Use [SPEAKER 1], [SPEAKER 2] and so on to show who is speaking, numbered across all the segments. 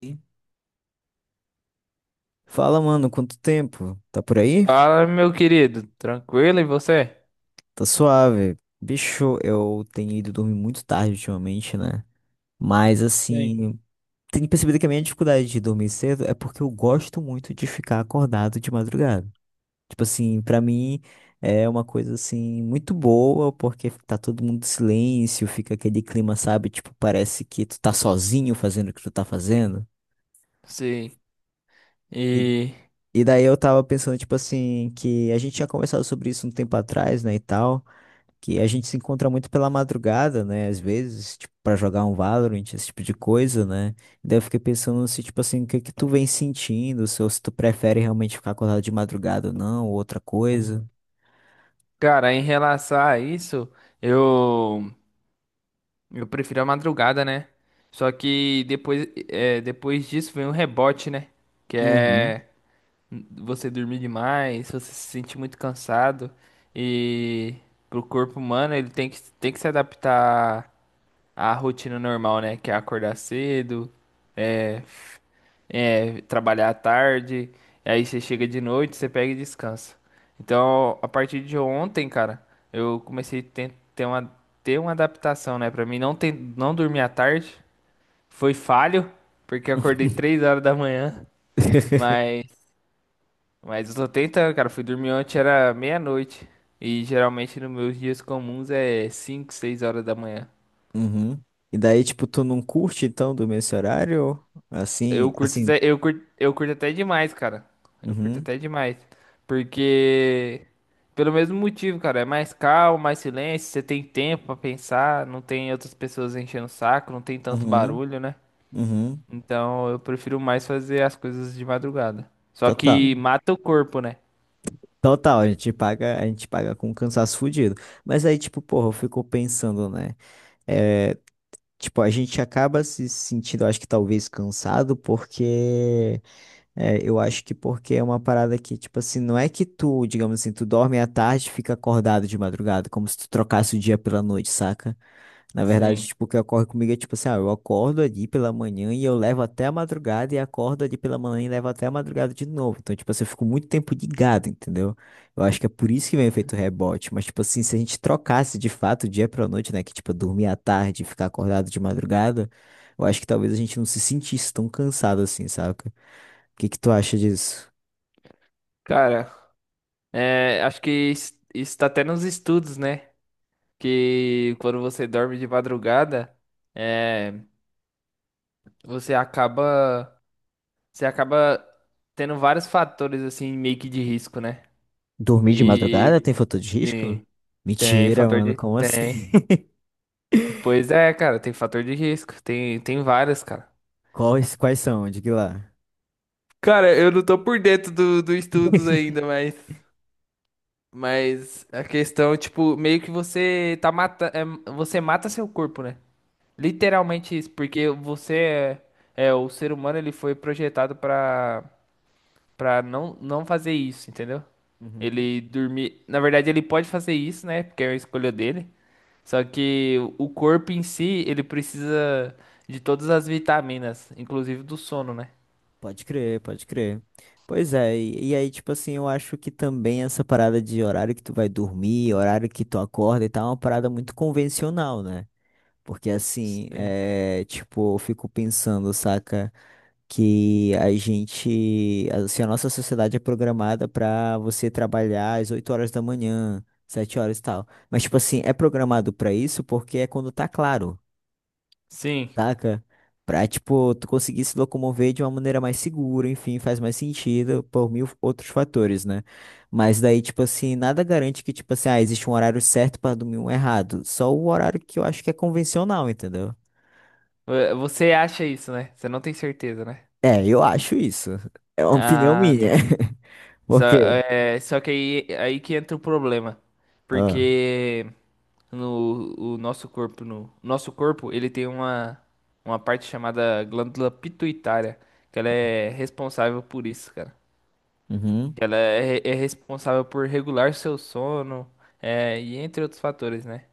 [SPEAKER 1] Sim. Fala, mano, quanto tempo? Tá por aí?
[SPEAKER 2] Fala, meu querido, tranquilo e você?
[SPEAKER 1] Tá suave. Bicho, eu tenho ido dormir muito tarde ultimamente, né? Mas
[SPEAKER 2] Sim.
[SPEAKER 1] assim, tenho percebido que a minha dificuldade de dormir cedo é porque eu gosto muito de ficar acordado de madrugada. Tipo assim, pra mim é uma coisa assim muito boa, porque tá todo mundo em silêncio, fica aquele clima, sabe? Tipo, parece que tu tá sozinho fazendo o que tu tá fazendo.
[SPEAKER 2] Sim.
[SPEAKER 1] E,
[SPEAKER 2] E,
[SPEAKER 1] e daí eu tava pensando, tipo assim, que a gente tinha conversado sobre isso um tempo atrás, né, e tal. Que a gente se encontra muito pela madrugada, né? Às vezes, tipo, pra jogar um Valorant, esse tipo de coisa, né? Daí eu fiquei pensando se, tipo assim, o que que tu vem sentindo, se, ou se tu prefere realmente ficar acordado de madrugada ou não, ou outra coisa.
[SPEAKER 2] cara, em relação a isso, eu eu prefiro a madrugada, né? Só que depois, depois disso vem um rebote, né? Que
[SPEAKER 1] Uhum.
[SPEAKER 2] é você dormir demais, você se sente muito cansado e pro corpo humano ele tem que se adaptar a rotina normal, né? Que é acordar cedo, é, trabalhar à tarde, aí você chega de noite, você pega e descansa. Então, a partir de ontem, cara, eu comecei a ten- ter uma adaptação, né? Pra mim, não, ter, não dormir à tarde foi falho, porque eu acordei 3 horas da manhã, mas, mas eu tô tentando, cara. Fui dormir ontem, era meia-noite, e geralmente nos meus dias comuns é 5 6 horas da manhã.
[SPEAKER 1] Uhum. E daí, tipo, tu não curte, então, dormir esse horário? Assim, assim.
[SPEAKER 2] Eu curto, eu curto até demais, cara. Eu curto
[SPEAKER 1] Uhum,
[SPEAKER 2] até demais. Porque, pelo mesmo motivo, cara, é mais calmo, mais silêncio, você tem tempo pra pensar, não tem outras pessoas enchendo o saco, não tem tanto
[SPEAKER 1] uhum,
[SPEAKER 2] barulho, né?
[SPEAKER 1] uhum.
[SPEAKER 2] Então eu prefiro mais fazer as coisas de madrugada. Só
[SPEAKER 1] Total.
[SPEAKER 2] que mata o corpo, né?
[SPEAKER 1] Total, a gente paga com cansaço fudido. Mas aí, tipo, porra, eu fico pensando, né? eh, Tipo, a gente acaba se sentindo, acho que talvez cansado, porque é, eu acho que porque é uma parada que, tipo assim, não é que tu, digamos assim, tu dorme à tarde e fica acordado de madrugada, como se tu trocasse o dia pela noite, saca? Na verdade,
[SPEAKER 2] Sim.
[SPEAKER 1] tipo, o que ocorre comigo é tipo assim, ah, eu acordo ali pela manhã e eu levo até a madrugada e acordo ali pela manhã e levo até a madrugada de novo. Então, tipo assim, eu fico muito tempo ligado, entendeu? Eu acho que é por isso que vem o efeito rebote. Mas, tipo assim, se a gente trocasse de fato o dia pra noite, né? Que, tipo, dormir à tarde e ficar acordado de madrugada, eu acho que talvez a gente não se sentisse tão cansado assim, saca? O que que tu acha disso?
[SPEAKER 2] Cara, acho que isso está até nos estudos, né? Que quando você dorme de madrugada, é, você acaba. Você acaba tendo vários fatores assim meio que de risco, né?
[SPEAKER 1] Dormir de madrugada
[SPEAKER 2] E
[SPEAKER 1] tem fator de risco?
[SPEAKER 2] sim, tem
[SPEAKER 1] Mentira,
[SPEAKER 2] fator
[SPEAKER 1] mano,
[SPEAKER 2] de
[SPEAKER 1] como assim?
[SPEAKER 2] tem. Pois é, cara, tem fator de risco, tem várias, cara.
[SPEAKER 1] Quais são? Diga lá.
[SPEAKER 2] Cara, eu não tô por dentro do, do estudos ainda, mas a questão, tipo, meio que você mata seu corpo, né? Literalmente isso, porque você é o ser humano, ele foi projetado pra para não fazer isso, entendeu?
[SPEAKER 1] Uhum.
[SPEAKER 2] Ele dormir. Na verdade, ele pode fazer isso, né? Porque é a escolha dele. Só que o corpo em si, ele precisa de todas as vitaminas, inclusive do sono, né?
[SPEAKER 1] Pode crer, pode crer. Pois é, e aí, tipo assim, eu acho que também essa parada de horário que tu vai dormir, horário que tu acorda e tal, é uma parada muito convencional, né? Porque assim,
[SPEAKER 2] Sim.
[SPEAKER 1] é, tipo, eu fico pensando, saca, que a gente, assim, a nossa sociedade é programada pra você trabalhar às 8 horas da manhã, 7 horas e tal. Mas, tipo assim, é programado pra isso porque é quando tá claro,
[SPEAKER 2] Sim.
[SPEAKER 1] saca? Pra, tipo, tu conseguir se locomover de uma maneira mais segura, enfim, faz mais sentido por mil outros fatores, né? Mas daí, tipo assim, nada garante que, tipo assim, ah, existe um horário certo pra dormir e um errado. Só o horário que eu acho que é convencional, entendeu?
[SPEAKER 2] Você acha isso, né? Você não tem certeza, né?
[SPEAKER 1] É, eu acho isso. É uma opinião
[SPEAKER 2] Ah,
[SPEAKER 1] minha.
[SPEAKER 2] tá.
[SPEAKER 1] Por
[SPEAKER 2] Só,
[SPEAKER 1] quê?
[SPEAKER 2] só que aí, aí que entra o problema.
[SPEAKER 1] Ah,
[SPEAKER 2] Porque no o nosso corpo, no nosso corpo, ele tem uma parte chamada glândula pituitária, que ela é responsável por isso, cara.
[SPEAKER 1] uhum.
[SPEAKER 2] Ela é, é responsável por regular seu sono, e entre outros fatores, né?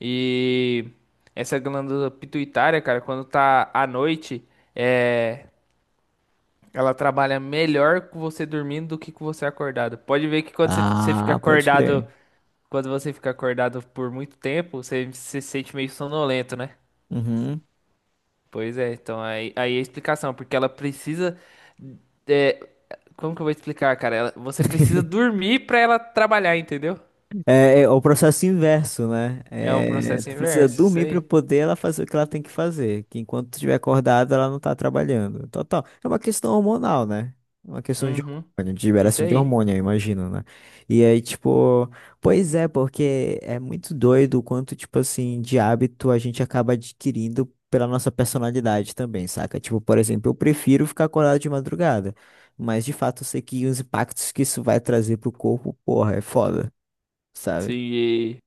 [SPEAKER 2] E essa glândula pituitária, cara, quando tá à noite, é, ela trabalha melhor com você dormindo do que com você acordado. Pode ver que você fica
[SPEAKER 1] Ah, pode
[SPEAKER 2] acordado,
[SPEAKER 1] crer.
[SPEAKER 2] quando você fica acordado por muito tempo, você se sente meio sonolento, né?
[SPEAKER 1] Uhum.
[SPEAKER 2] Pois é, então aí, aí é a explicação, porque ela precisa. é, Como que eu vou explicar, cara? Você precisa dormir pra ela trabalhar, entendeu?
[SPEAKER 1] É o processo inverso, né?
[SPEAKER 2] É um
[SPEAKER 1] É,
[SPEAKER 2] processo
[SPEAKER 1] tu precisa
[SPEAKER 2] inverso, isso
[SPEAKER 1] dormir para
[SPEAKER 2] aí.
[SPEAKER 1] poder ela fazer o que ela tem que fazer, que enquanto tu estiver acordada, ela não tá trabalhando. Total. É uma questão hormonal, né? É uma questão de
[SPEAKER 2] Uhum,
[SPEAKER 1] hormônio, de
[SPEAKER 2] isso
[SPEAKER 1] liberação de
[SPEAKER 2] aí.
[SPEAKER 1] hormônio, eu imagino, né? E aí, tipo, pois é, porque é muito doido o quanto, tipo assim, de hábito a gente acaba adquirindo pela nossa personalidade também, saca? Tipo, por exemplo, eu prefiro ficar acordado de madrugada, mas de fato eu sei que os impactos que isso vai trazer pro corpo, porra, é foda.
[SPEAKER 2] Sim,
[SPEAKER 1] Sabe?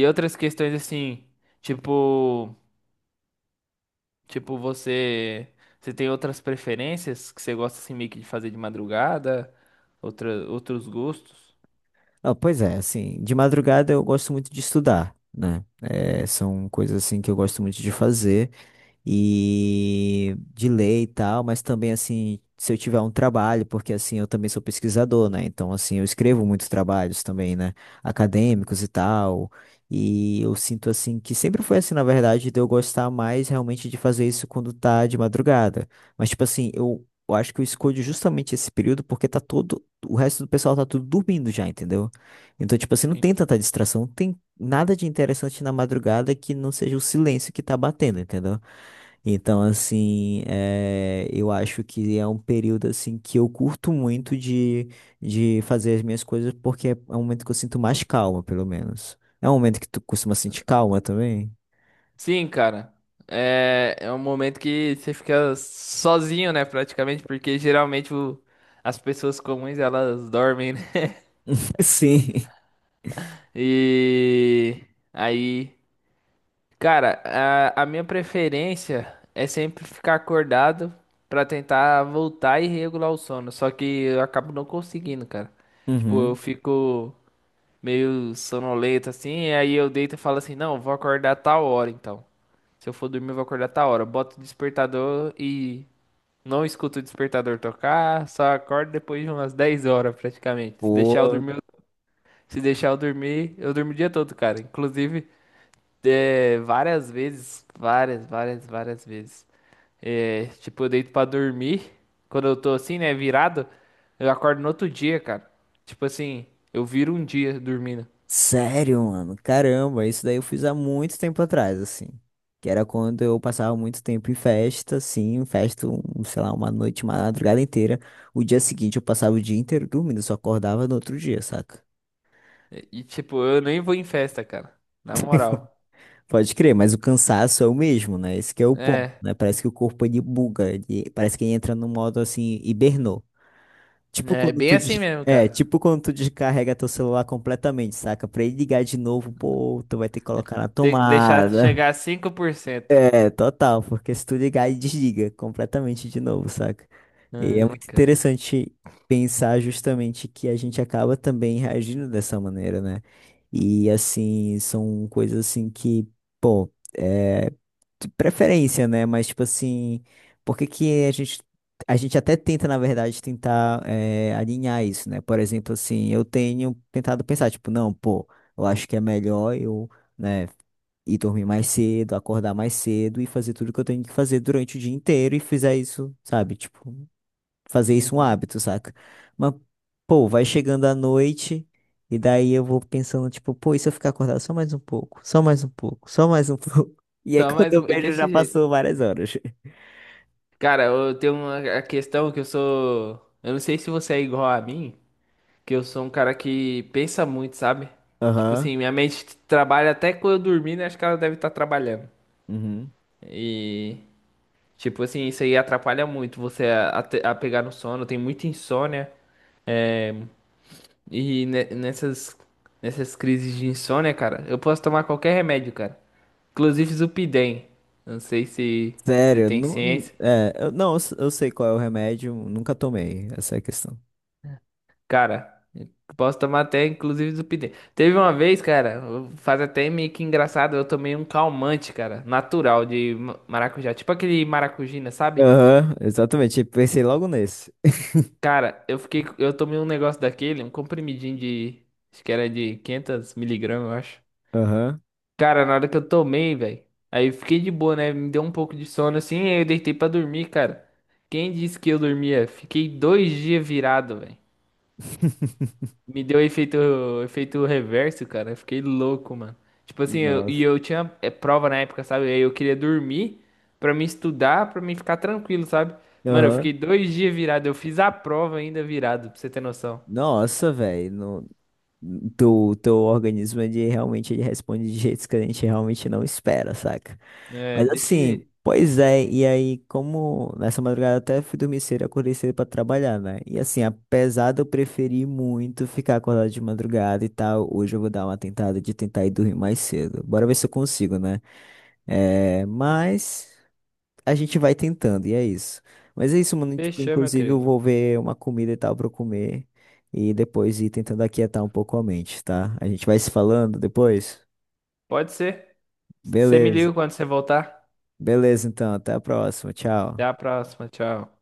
[SPEAKER 2] e outras questões assim, tipo, tipo você, você tem outras preferências que você gosta assim meio que de fazer de madrugada, outra, outros gostos?
[SPEAKER 1] Ah, pois é, assim, de madrugada eu gosto muito de estudar, né? É, são coisas assim que eu gosto muito de fazer e de ler e tal, mas também assim, se eu tiver um trabalho, porque assim, eu também sou pesquisador, né? Então, assim, eu escrevo muitos trabalhos também, né? Acadêmicos e tal. E eu sinto assim que sempre foi assim, na verdade, de eu gostar mais realmente de fazer isso quando tá de madrugada. Mas tipo assim, eu acho que eu escolho justamente esse período porque tá todo, o resto do pessoal tá tudo dormindo já, entendeu? Então, tipo assim, não
[SPEAKER 2] Sim.
[SPEAKER 1] tem tanta distração, não tem nada de interessante na madrugada que não seja o silêncio que tá batendo, entendeu? Então, assim, é, eu acho que é um período, assim, que eu curto muito de fazer as minhas coisas, porque é um momento que eu sinto mais calma, pelo menos. É um momento que tu costuma sentir calma também?
[SPEAKER 2] Sim, cara. É, é um momento que você fica sozinho, né, praticamente, porque geralmente as pessoas comuns elas dormem, né?
[SPEAKER 1] Sim.
[SPEAKER 2] E aí, cara, a minha preferência é sempre ficar acordado pra tentar voltar e regular o sono, só que eu acabo não conseguindo, cara. Tipo, eu
[SPEAKER 1] Uhum.
[SPEAKER 2] fico. Meio sonolento assim, e aí eu deito e falo assim, não, vou acordar tal hora então. Se eu for dormir, eu vou acordar tal hora. Eu boto o despertador e não escuto o despertador tocar, só acordo depois de umas 10 horas praticamente. Se deixar eu
[SPEAKER 1] Pô,
[SPEAKER 2] dormir, eu- Se deixar eu dormir, eu durmo o dia todo, cara. Inclusive, várias vezes, várias vezes. É, tipo, eu deito pra dormir, quando eu tô assim, né, virado, eu acordo no outro dia, cara. Tipo assim, eu viro um dia dormindo.
[SPEAKER 1] sério, mano. Caramba, isso daí eu fiz há muito tempo atrás, assim. Que era quando eu passava muito tempo em festa, assim, festa, um, sei lá, uma noite, uma madrugada inteira. O dia seguinte eu passava o dia inteiro dormindo, só acordava no outro dia, saca?
[SPEAKER 2] Tipo, eu nem vou em festa, cara. Na moral.
[SPEAKER 1] Pode crer, mas o cansaço é o mesmo, né? Esse que é o ponto,
[SPEAKER 2] É,
[SPEAKER 1] né? Parece que o corpo ele buga, parece que ele entra no modo assim, hibernou. Tipo
[SPEAKER 2] é
[SPEAKER 1] quando
[SPEAKER 2] bem
[SPEAKER 1] tu
[SPEAKER 2] assim
[SPEAKER 1] des-
[SPEAKER 2] mesmo,
[SPEAKER 1] é,
[SPEAKER 2] cara.
[SPEAKER 1] tipo quando tu descarrega teu celular completamente, saca? Pra ele ligar de novo, pô, tu vai ter que
[SPEAKER 2] É
[SPEAKER 1] colocar na
[SPEAKER 2] Tem que deixar
[SPEAKER 1] tomada.
[SPEAKER 2] chegar a 5%.
[SPEAKER 1] É, total, porque se tu ligar e desliga completamente de novo, saca? E é
[SPEAKER 2] Ai,
[SPEAKER 1] muito
[SPEAKER 2] cara.
[SPEAKER 1] interessante pensar justamente que a gente acaba também reagindo dessa maneira, né? E assim, são coisas assim que, pô, é de preferência, né? Mas tipo assim, por que que a gente até tenta, na verdade, tentar alinhar isso, né? Por exemplo, assim, eu tenho tentado pensar, tipo, não, pô, eu acho que é melhor eu, né? E dormir mais cedo, acordar mais cedo e fazer tudo que eu tenho que fazer durante o dia inteiro e fizer isso, sabe? Tipo, fazer isso um
[SPEAKER 2] Uhum.
[SPEAKER 1] hábito, saca? Mas, pô, vai chegando a noite e daí eu vou pensando, tipo, pô, e se eu ficar acordado só mais um pouco, só mais um pouco, só mais um pouco? E aí quando eu vejo já
[SPEAKER 2] Desse jeito.
[SPEAKER 1] passou várias horas.
[SPEAKER 2] Cara, eu tenho uma a questão que eu sou. Eu não sei se você é igual a mim, que eu sou um cara que pensa muito, sabe? Tipo
[SPEAKER 1] Aham.
[SPEAKER 2] assim, minha mente trabalha até quando eu dormir, né? Acho que ela deve estar trabalhando.
[SPEAKER 1] Uhum.
[SPEAKER 2] E, tipo assim, isso aí atrapalha muito você a te- a pegar no sono, tem muita insônia. é, E nessas, nessas crises de insônia, cara, eu posso tomar qualquer remédio, cara. Inclusive Zupidem. Não sei se você
[SPEAKER 1] Sério,
[SPEAKER 2] tem
[SPEAKER 1] não,
[SPEAKER 2] ciência.
[SPEAKER 1] é, eu, não, eu sei qual é o remédio, nunca tomei, essa é a questão.
[SPEAKER 2] Cara, eu posso tomar até inclusive Zupidem. Teve uma vez, cara, faz até meio que engraçado, eu tomei um calmante, cara, natural de maracujá. Tipo aquele maracujina, sabe?
[SPEAKER 1] Aham, exatamente, pensei logo nesse.
[SPEAKER 2] Cara, eu tomei um negócio daquele, um comprimidinho de, acho que era de 500 miligramas, eu acho.
[SPEAKER 1] Aham.
[SPEAKER 2] Cara, na hora que eu tomei, velho, aí eu fiquei de boa, né? Me deu um pouco de sono assim, aí eu deitei pra dormir, cara. Quem disse que eu dormia? Fiquei dois dias virado, velho. Me deu efeito, efeito reverso, cara. Eu fiquei louco, mano. Tipo assim, e
[SPEAKER 1] Nossa.
[SPEAKER 2] eu tinha prova na época, sabe? Aí eu queria dormir pra me estudar, pra me ficar tranquilo, sabe? Mano, eu
[SPEAKER 1] Aham.
[SPEAKER 2] fiquei dois dias virado. Eu fiz a prova ainda virado, pra você ter noção.
[SPEAKER 1] Nossa, velho. Teu organismo, ele realmente ele responde de jeitos que a gente realmente não espera, saca?
[SPEAKER 2] É,
[SPEAKER 1] Mas
[SPEAKER 2] desse
[SPEAKER 1] assim,
[SPEAKER 2] jeito.
[SPEAKER 1] pois é, e aí, como nessa madrugada até fui dormir cedo, acordei cedo pra trabalhar, né? E assim, apesar de eu preferir muito ficar acordado de madrugada e tal, hoje eu vou dar uma tentada de tentar ir dormir mais cedo. Bora ver se eu consigo, né? É, mas a gente vai tentando, e é isso. Mas é isso, mano. Tipo,
[SPEAKER 2] Fechou, meu
[SPEAKER 1] inclusive eu
[SPEAKER 2] querido.
[SPEAKER 1] vou ver uma comida e tal pra eu comer e depois ir tentando aquietar um pouco a mente, tá? A gente vai se falando depois?
[SPEAKER 2] Pode ser. Você me
[SPEAKER 1] Beleza.
[SPEAKER 2] liga quando você voltar.
[SPEAKER 1] Beleza, então. Até a próxima. Tchau.
[SPEAKER 2] Até a próxima. Tchau.